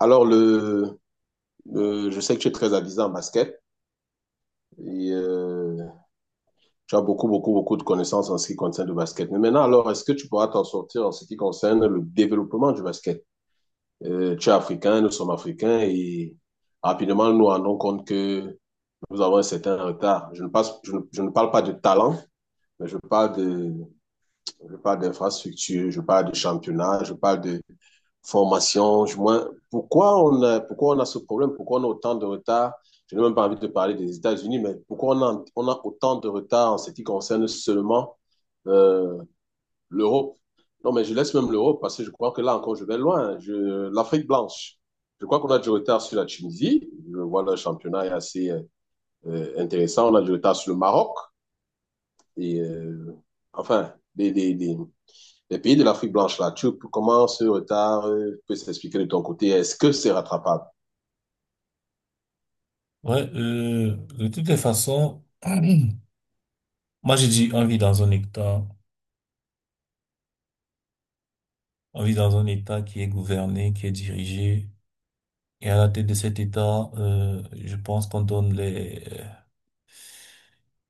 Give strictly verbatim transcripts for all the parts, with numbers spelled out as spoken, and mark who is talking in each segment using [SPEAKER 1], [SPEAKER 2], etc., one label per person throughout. [SPEAKER 1] Alors, le, le- je sais que tu es très avisé en basket et euh, tu as beaucoup, beaucoup, beaucoup de connaissances en ce qui concerne le basket. Mais maintenant, alors, est-ce que tu pourras t'en sortir en ce qui concerne le développement du basket? Euh, tu es africain, nous sommes africains et rapidement, nous nous rendons compte que nous avons un certain retard. Je ne, passe- je ne, je ne parle pas de talent, mais je parle de, je parle d'infrastructure, je parle de championnat, je parle formation, du moins, pourquoi on a, pourquoi on a ce problème, pourquoi on a autant de retard? Je n'ai même pas envie de parler des États-Unis, mais pourquoi on a, on a autant de retard en ce qui concerne seulement euh, l'Europe? Non, mais je laisse même l'Europe parce que je crois que là encore, je vais loin. Je, L'Afrique blanche, je crois qu'on a du retard sur la Tunisie. Je vois le championnat est assez euh, intéressant. On a du retard sur le Maroc. Et euh, enfin, des, des, des, les pays de l'Afrique blanche, là, tu, comment ce retard euh, peut s'expliquer de ton côté? Est-ce que c'est rattrapable?
[SPEAKER 2] Ouais, euh, de toutes les façons, moi j'ai dit on vit dans un État, on vit dans un État qui est gouverné, qui est dirigé, et à la tête de cet État, euh, je pense qu'on donne les,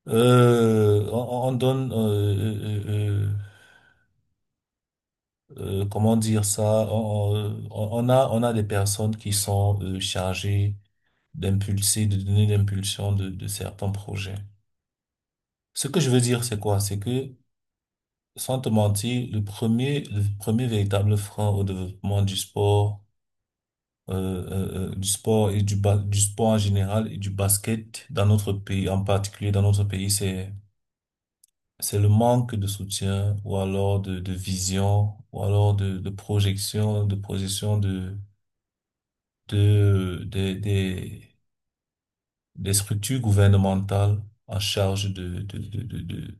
[SPEAKER 2] euh, on, on donne, euh, euh, euh, euh, comment dire ça, on, on on a, on a des personnes qui sont euh, chargées d'impulser, de donner l'impulsion de, de certains projets. Ce que je veux dire, c'est quoi? C'est que sans te mentir, le premier, le premier véritable frein au développement du sport, euh, euh, euh, du sport et du ba- du sport en général et du basket dans notre pays, en particulier dans notre pays, c'est, c'est le manque de soutien ou alors de, de vision ou alors de, de projection, de projection de, de, des, des, des structures gouvernementales en charge de, de, de, de, de-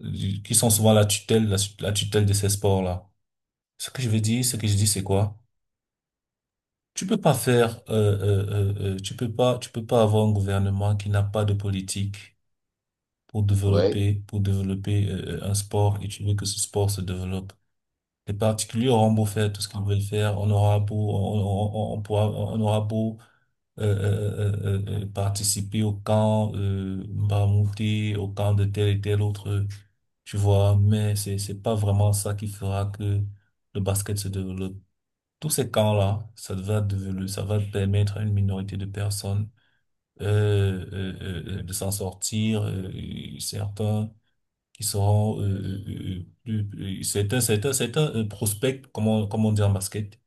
[SPEAKER 2] de- qui sont souvent la tutelle, la la tutelle de ces sports-là. Ce que je veux dire, ce que je dis, c'est quoi? Tu peux pas faire, euh, euh, euh, euh, tu peux pas, tu peux pas avoir un gouvernement qui n'a pas de politique pour
[SPEAKER 1] Oui,
[SPEAKER 2] développer, pour développer euh, euh, un sport et tu veux que ce sport se développe. Les particuliers auront beau faire tout ce qu'ils veulent faire, on aura beau, on, on, on pourra, on aura beau euh, euh, euh, euh, euh, participer au camp euh, Mbamouté, au camp de tel et tel autre, euh, tu vois, mais c'est c'est pas vraiment ça qui fera que le basket se développe. Tous ces camps-là, ça va devenu- ça va permettre à une minorité de personnes euh, euh, euh, de s'en sortir. euh, certains qui seront euh, euh, euh, plus- euh, certains, certains, certains euh, prospects, comment, comment on dit en basket,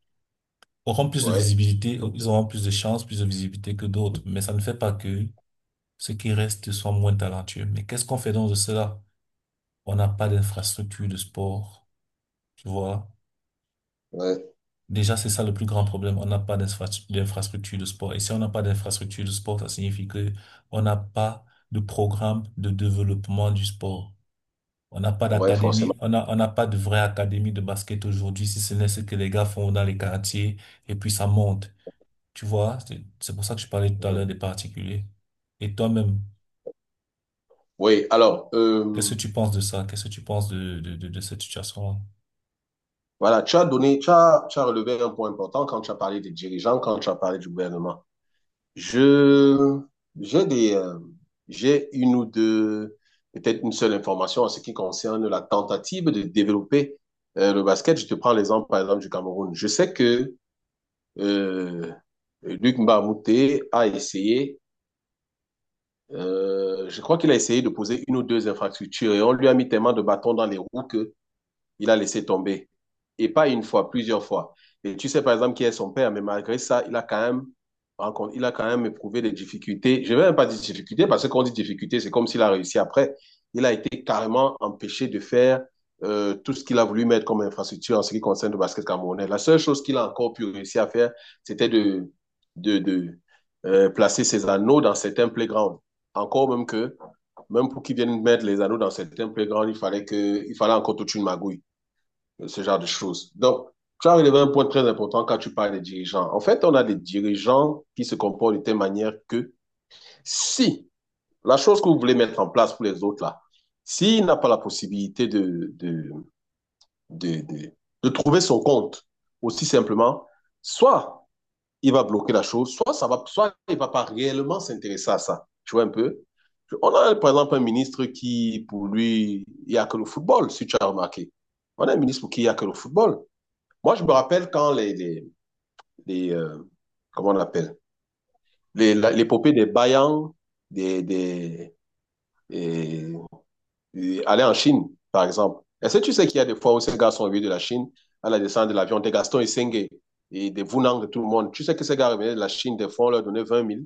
[SPEAKER 2] auront plus de
[SPEAKER 1] oui,
[SPEAKER 2] visibilité, ils auront plus de chances, plus de visibilité que d'autres. Mais ça ne fait pas que ceux qui restent soient moins talentueux. Mais qu'est-ce qu'on fait donc de cela? On n'a pas d'infrastructure de sport, tu vois.
[SPEAKER 1] oui,
[SPEAKER 2] Déjà, c'est ça le plus grand problème. On n'a pas d'infra- d'infrastructure de sport. Et si on n'a pas d'infrastructure de sport, ça signifie que on n'a pas de programme de développement du sport. On n'a pas
[SPEAKER 1] oui,
[SPEAKER 2] d'académie,
[SPEAKER 1] forcément.
[SPEAKER 2] on n'a, on n'a pas de vraie académie de basket aujourd'hui, si ce n'est ce que les gars font dans les quartiers, et puis ça monte. Tu vois, c'est c'est pour ça que je parlais tout à l'heure des particuliers. Et toi-même,
[SPEAKER 1] Oui, alors,
[SPEAKER 2] qu'est-ce
[SPEAKER 1] euh,
[SPEAKER 2] que tu penses de ça? Qu'est-ce que tu penses de, de, de, de cette situation-là?
[SPEAKER 1] voilà, tu as donné, tu as, tu as relevé un point important quand tu as parlé des dirigeants, quand tu as parlé du gouvernement. Je, j'ai des, euh, j'ai une ou deux, peut-être une seule information en ce qui concerne la tentative de développer euh, le basket. Je te prends l'exemple, par exemple, du Cameroun. Je sais que euh, euh, Luc Mbamute a essayé, euh, je crois qu'il a essayé de poser une ou deux infrastructures et on lui a mis tellement de bâtons dans les roues que il a laissé tomber. Et pas une fois, plusieurs fois. Et tu sais, par exemple, qui est son père, mais malgré ça, il a quand même, rencontré- il a quand même éprouvé des difficultés. Je ne vais même pas dire difficultés, parce que quand on dit difficultés, c'est comme s'il a réussi après. Il a été carrément empêché de faire euh, tout ce qu'il a voulu mettre comme infrastructure en ce qui concerne le basket camerounais. La seule chose qu'il a encore pu réussir à faire, c'était de, de, de euh, placer ses anneaux dans certains playgrounds. Encore même que, même pour qu'ils viennent mettre les anneaux dans certains playgrounds, il fallait que, il fallait encore toute une magouille ce genre de choses. Donc, tu as relevé un point très important quand tu parles des dirigeants. En fait, on a des dirigeants qui se comportent de telle manière que si la chose que vous voulez mettre en place pour les autres, là, s'il n'a pas la possibilité de, de, de, de, de trouver son compte, aussi simplement, soit il va bloquer la chose, soit, ça va, soit il ne va pas réellement s'intéresser à ça. Tu vois un peu? On a par exemple un ministre qui, pour lui, il n'y a que le football, si tu as remarqué. On a un ministre pour qui il n'y a que le football. Moi, je me rappelle quand les, les, les, euh, comment on appelle, les, la- l'épopée des Bayang, des, des, et- et aller en Chine, par exemple. Est-ce que tu sais qu'il y a des fois où ces gars sont venus de la Chine à la descente de l'avion, des Gaston Isengé et des Vunang de tout le monde. Tu sais que ces gars revenaient de la Chine, des fois, on leur donnait vingt mille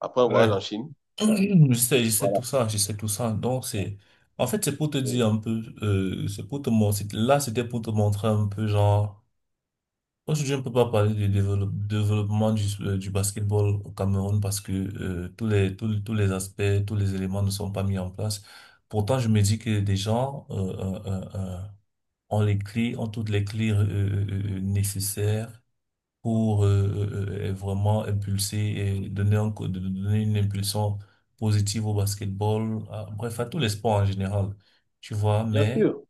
[SPEAKER 1] après un
[SPEAKER 2] Ouais,
[SPEAKER 1] voyage en Chine.
[SPEAKER 2] Je sais, je sais
[SPEAKER 1] Voilà.
[SPEAKER 2] tout ça, je sais tout ça. Donc, c'est, en fait, c'est pour te
[SPEAKER 1] Oui.
[SPEAKER 2] dire un peu, euh, c'est pour te montrer, là, c'était pour te montrer un peu, genre, aujourd'hui, on peut pas parler du développe- développement du, euh, du basketball au Cameroun parce que, euh, tous les, tous, les tous les aspects, tous les éléments ne sont pas mis en place. Pourtant, je me dis que des gens, euh, euh, euh, euh, ont les clés, ont toutes les clés, euh, euh, euh, euh, nécessaires pour euh, euh, euh, vraiment impulser et donner, un co- de- de- donner une impulsion positive au basketball, à- bref, à tous les sports en général, tu vois,
[SPEAKER 1] Bien
[SPEAKER 2] mais,
[SPEAKER 1] sûr,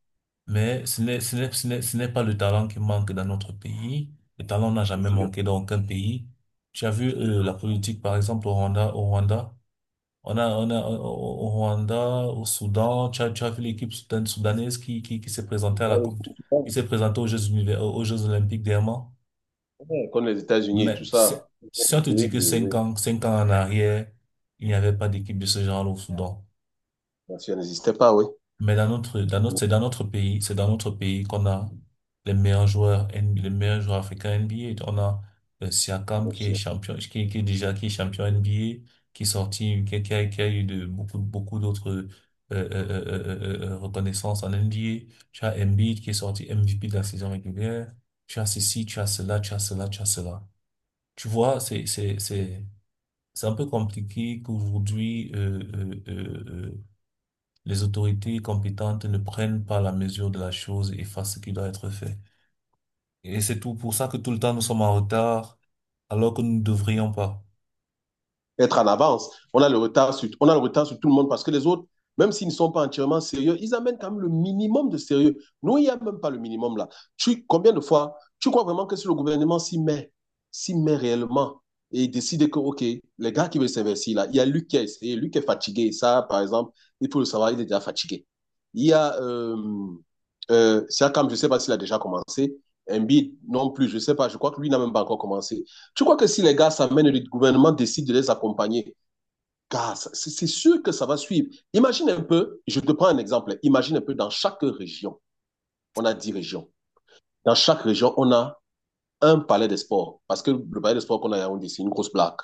[SPEAKER 2] mais ce n'est, ce n'est, ce n'est, ce n'est pas le talent qui manque dans notre pays. Le talent n'a
[SPEAKER 1] bien
[SPEAKER 2] jamais
[SPEAKER 1] sûr.
[SPEAKER 2] manqué dans aucun pays. Tu as vu euh, la politique, par exemple, au Rwanda, au Rwanda. On a, on a, au au- au Rwanda, au Soudan, tu as, tu as vu l'équipe soudan- soudanaise qui, qui, qui s'est présentée à la
[SPEAKER 1] Ouais,
[SPEAKER 2] Coupe, du-
[SPEAKER 1] c'est
[SPEAKER 2] qui
[SPEAKER 1] super.
[SPEAKER 2] s'est présentée aux Jeux univers- aux Jeux Olympiques dernièrement.
[SPEAKER 1] Ouais, comme les États-Unis et tout
[SPEAKER 2] Mais
[SPEAKER 1] ça.
[SPEAKER 2] c'est- si on te dit
[SPEAKER 1] Oui, oui,
[SPEAKER 2] que cinq
[SPEAKER 1] oui.
[SPEAKER 2] ans, cinq ans en arrière, il n'y avait pas d'équipe de ce genre au Soudan.
[SPEAKER 1] Bien sûr, n'existait pas, oui.
[SPEAKER 2] Mais dans notre, dans notre,
[SPEAKER 1] Oui,
[SPEAKER 2] c'est dans notre pays, c'est dans notre pays qu'on a les meilleurs joueurs, N- B A les meilleurs joueurs africains N B A. On a euh, Siakam
[SPEAKER 1] bien
[SPEAKER 2] qui est
[SPEAKER 1] sûr.
[SPEAKER 2] champion, qui, qui est déjà qui est champion N B A, qui est sorti, qui, a, qui a- qui a eu de beaucoup, beaucoup d'autres euh, euh, euh, euh, euh, euh, euh, euh, reconnaissances en N B A. Tu as Embiid qui est sorti M V P de la saison régulière. Tu as ceci, tu as cela, tu as cela, tu as cela. Tu vois, c'est, c'est, c'est, c'est un peu compliqué qu'aujourd'hui, euh, euh, euh, euh, les autorités compétentes ne prennent pas la mesure de la chose et fassent ce qui doit être fait. Et c'est tout pour ça que tout le temps nous sommes en retard alors que nous ne devrions pas.
[SPEAKER 1] Être en avance. On a le retard sur, on a le retard sur tout le monde parce que les autres, même s'ils ne sont pas entièrement sérieux, ils amènent quand même le minimum de sérieux. Nous, il n'y a même pas le minimum là. Tu, combien de fois, tu crois vraiment que si le gouvernement s'y met, s'y met réellement et décide que, OK, les gars qui veulent s'investir là, il y a Luc qui a essayé, Luc est fatigué. Ça, par exemple, il faut le savoir, il est déjà fatigué. Il y a euh, euh, Siakam, je ne sais pas s'il a déjà commencé. Embiid non plus, je ne sais pas, je crois que lui n'a même pas encore commencé. Tu crois que si les gars s'amènent et le gouvernement décide de les accompagner, gars, c'est sûr que ça va suivre. Imagine un peu, je te prends un exemple, imagine un peu dans chaque région, on a dix régions. Dans chaque région, on a un palais des sports. Parce que le palais des sports qu'on a à Yaoundé, c'est une grosse blague.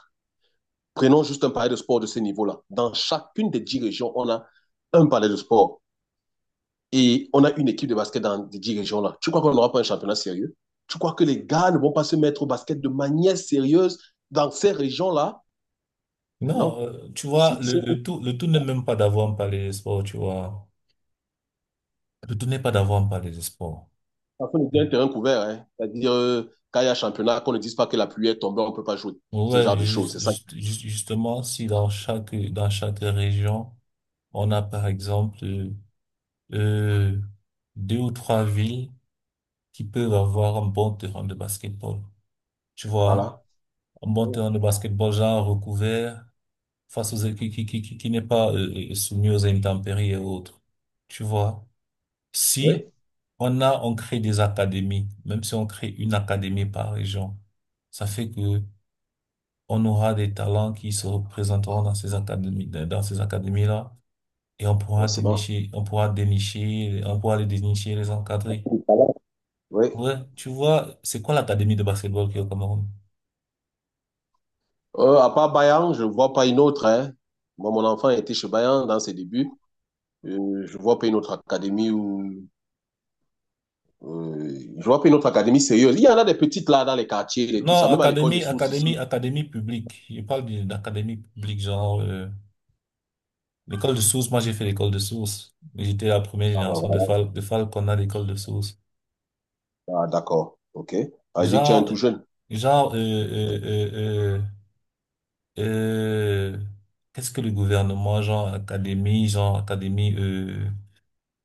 [SPEAKER 1] Prenons juste un palais de sport de ce niveau-là. Dans chacune des dix régions, on a un palais de sport. Et on a une équipe de basket dans les dix régions-là. Tu crois qu'on n'aura pas un championnat sérieux? Tu crois que les gars ne vont pas se mettre au basket de manière sérieuse dans ces régions-là. Mais
[SPEAKER 2] Non,
[SPEAKER 1] non.
[SPEAKER 2] euh, tu vois,
[SPEAKER 1] Si,
[SPEAKER 2] le,
[SPEAKER 1] si
[SPEAKER 2] le tout, le tout n'est même pas d'avoir un palais des sports, tu vois. Le tout n'est pas d'avoir un palais des sports.
[SPEAKER 1] on dit un terrain couvert, hein, c'est-à-dire euh, quand il y a championnat, qu'on ne dise pas que la pluie est tombée, on ne peut pas jouer. Ce
[SPEAKER 2] Ouais,
[SPEAKER 1] genre de choses,
[SPEAKER 2] juste,
[SPEAKER 1] c'est ça.
[SPEAKER 2] juste- juste- justement, si dans chaque, dans chaque région, on a par exemple euh, euh, deux ou trois villes qui peuvent avoir un bon terrain de basketball. Tu vois,
[SPEAKER 1] Voilà.
[SPEAKER 2] un bon
[SPEAKER 1] Oui.
[SPEAKER 2] terrain de basketball, genre recouvert, face aux, qui, qui, qui, qui qui n'est pas euh, euh, soumis aux intempéries et autres. Tu vois, si
[SPEAKER 1] Oui.
[SPEAKER 2] on a, on crée des académies, même si on crée une académie par région, ça fait que on aura des talents qui se représenteront dans ces académies, dans ces académies-là, et on
[SPEAKER 1] Bon,
[SPEAKER 2] pourra
[SPEAKER 1] c'est bon.
[SPEAKER 2] dénicher, on pourra dénicher, on pourra les dénicher, les encadrer.
[SPEAKER 1] Oui.
[SPEAKER 2] Ouais, tu vois, c'est quoi l'académie de basketball qui est au Cameroun?
[SPEAKER 1] Euh, à part Bayern, je ne vois pas une autre, hein. Moi, mon enfant était chez Bayern dans ses débuts. Euh, je ne vois pas une autre académie où. Euh, je vois pas une autre académie sérieuse. Il y en a des petites là dans les quartiers et tout
[SPEAKER 2] Non,
[SPEAKER 1] ça, même à l'école des
[SPEAKER 2] académie,
[SPEAKER 1] sources
[SPEAKER 2] académie,
[SPEAKER 1] ici.
[SPEAKER 2] académie publique. Je parle d'une- académie publique, genre euh, l'école de source. Moi, j'ai fait l'école de source. J'étais la première
[SPEAKER 1] Ah, bah,
[SPEAKER 2] génération de
[SPEAKER 1] voilà.
[SPEAKER 2] Fal de Fal qu'on a l'école de source.
[SPEAKER 1] Ah, d'accord. OK. Ah, il dit que tu es un
[SPEAKER 2] Genre,
[SPEAKER 1] tout jeune.
[SPEAKER 2] genre, euh, euh, euh, euh, euh, qu'est-ce que le gouvernement, genre académie, genre académie, euh,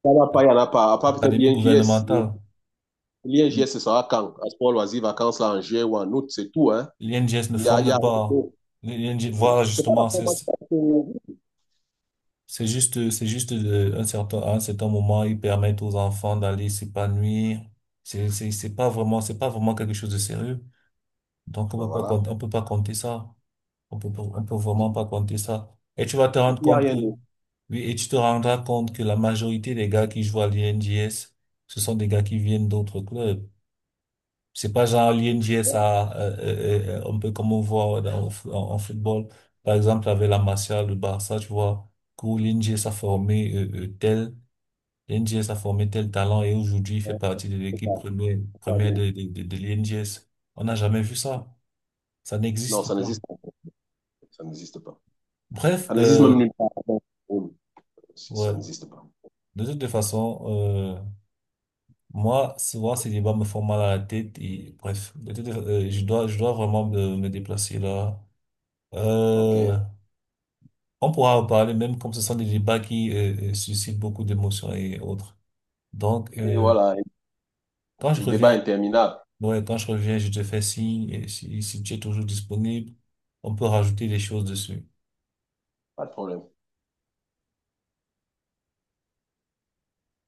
[SPEAKER 1] Il n'y en a pas, il n'y en a pas. À part peut-être
[SPEAKER 2] académie
[SPEAKER 1] l'I N J S.
[SPEAKER 2] gouvernementale.
[SPEAKER 1] L'I N J S, ce sera quand? À sport loisirs, vacances là en juin ou en août, c'est tout, hein.
[SPEAKER 2] L'I N G S ne
[SPEAKER 1] Il y a, il y
[SPEAKER 2] forme
[SPEAKER 1] a rien
[SPEAKER 2] pas.
[SPEAKER 1] d'autre.
[SPEAKER 2] L'I N G S, voilà
[SPEAKER 1] C'est pas la
[SPEAKER 2] justement, c'est
[SPEAKER 1] formation. que-
[SPEAKER 2] c'est juste, c'est juste de, un certain, à un certain moment, ils permettent aux enfants d'aller s'épanouir. C'est, c'est, c'est pas vraiment, c'est pas vraiment quelque chose de sérieux. Donc, on
[SPEAKER 1] Bah,
[SPEAKER 2] peut pas,
[SPEAKER 1] voilà.
[SPEAKER 2] compter- on peut pas compter ça. On peut, pas- on peut vraiment pas compter ça. Et tu vas te
[SPEAKER 1] Il
[SPEAKER 2] rendre
[SPEAKER 1] n'y a
[SPEAKER 2] compte que,
[SPEAKER 1] rien d'autre.
[SPEAKER 2] oui, et tu te rendras compte que la majorité des gars qui jouent à l'I N J S, ce sont des gars qui viennent d'autres clubs. C'est pas genre l'U N J S A, euh, euh, euh, euh, un peu comme on voit dans, en, en football. Par exemple, avec la Martial, le Barça, tu vois, que l'UNJSA a formé euh, euh, tel, l'U N J S a formé tel talent et aujourd'hui, il fait
[SPEAKER 1] Non,
[SPEAKER 2] partie de
[SPEAKER 1] c'est
[SPEAKER 2] l'équipe
[SPEAKER 1] pas-
[SPEAKER 2] première,
[SPEAKER 1] c'est pas
[SPEAKER 2] première
[SPEAKER 1] bien.
[SPEAKER 2] de, de, de, de l'U N J S. On n'a jamais vu ça. Ça
[SPEAKER 1] Non,
[SPEAKER 2] n'existe
[SPEAKER 1] ça
[SPEAKER 2] pas.
[SPEAKER 1] n'existe pas. Ça n'existe pas.
[SPEAKER 2] Bref,
[SPEAKER 1] Ça n'existe
[SPEAKER 2] euh,
[SPEAKER 1] même nulle part. Bon, bon, si, ça
[SPEAKER 2] ouais.
[SPEAKER 1] n'existe pas.
[SPEAKER 2] De toute façon, euh, moi, souvent, ces débats me font mal à la tête et bref, de toute, euh, je dois, je dois vraiment me, me déplacer là.
[SPEAKER 1] OK. Et
[SPEAKER 2] Euh, On pourra en parler même comme ce sont des débats qui euh, euh, suscitent beaucoup d'émotions et autres. Donc, euh,
[SPEAKER 1] voilà.
[SPEAKER 2] quand je
[SPEAKER 1] C'est un débat
[SPEAKER 2] reviens,
[SPEAKER 1] interminable.
[SPEAKER 2] ouais, quand je reviens, je te fais signe. Et si, si tu es toujours disponible, on peut rajouter des choses dessus.
[SPEAKER 1] Pas de problème.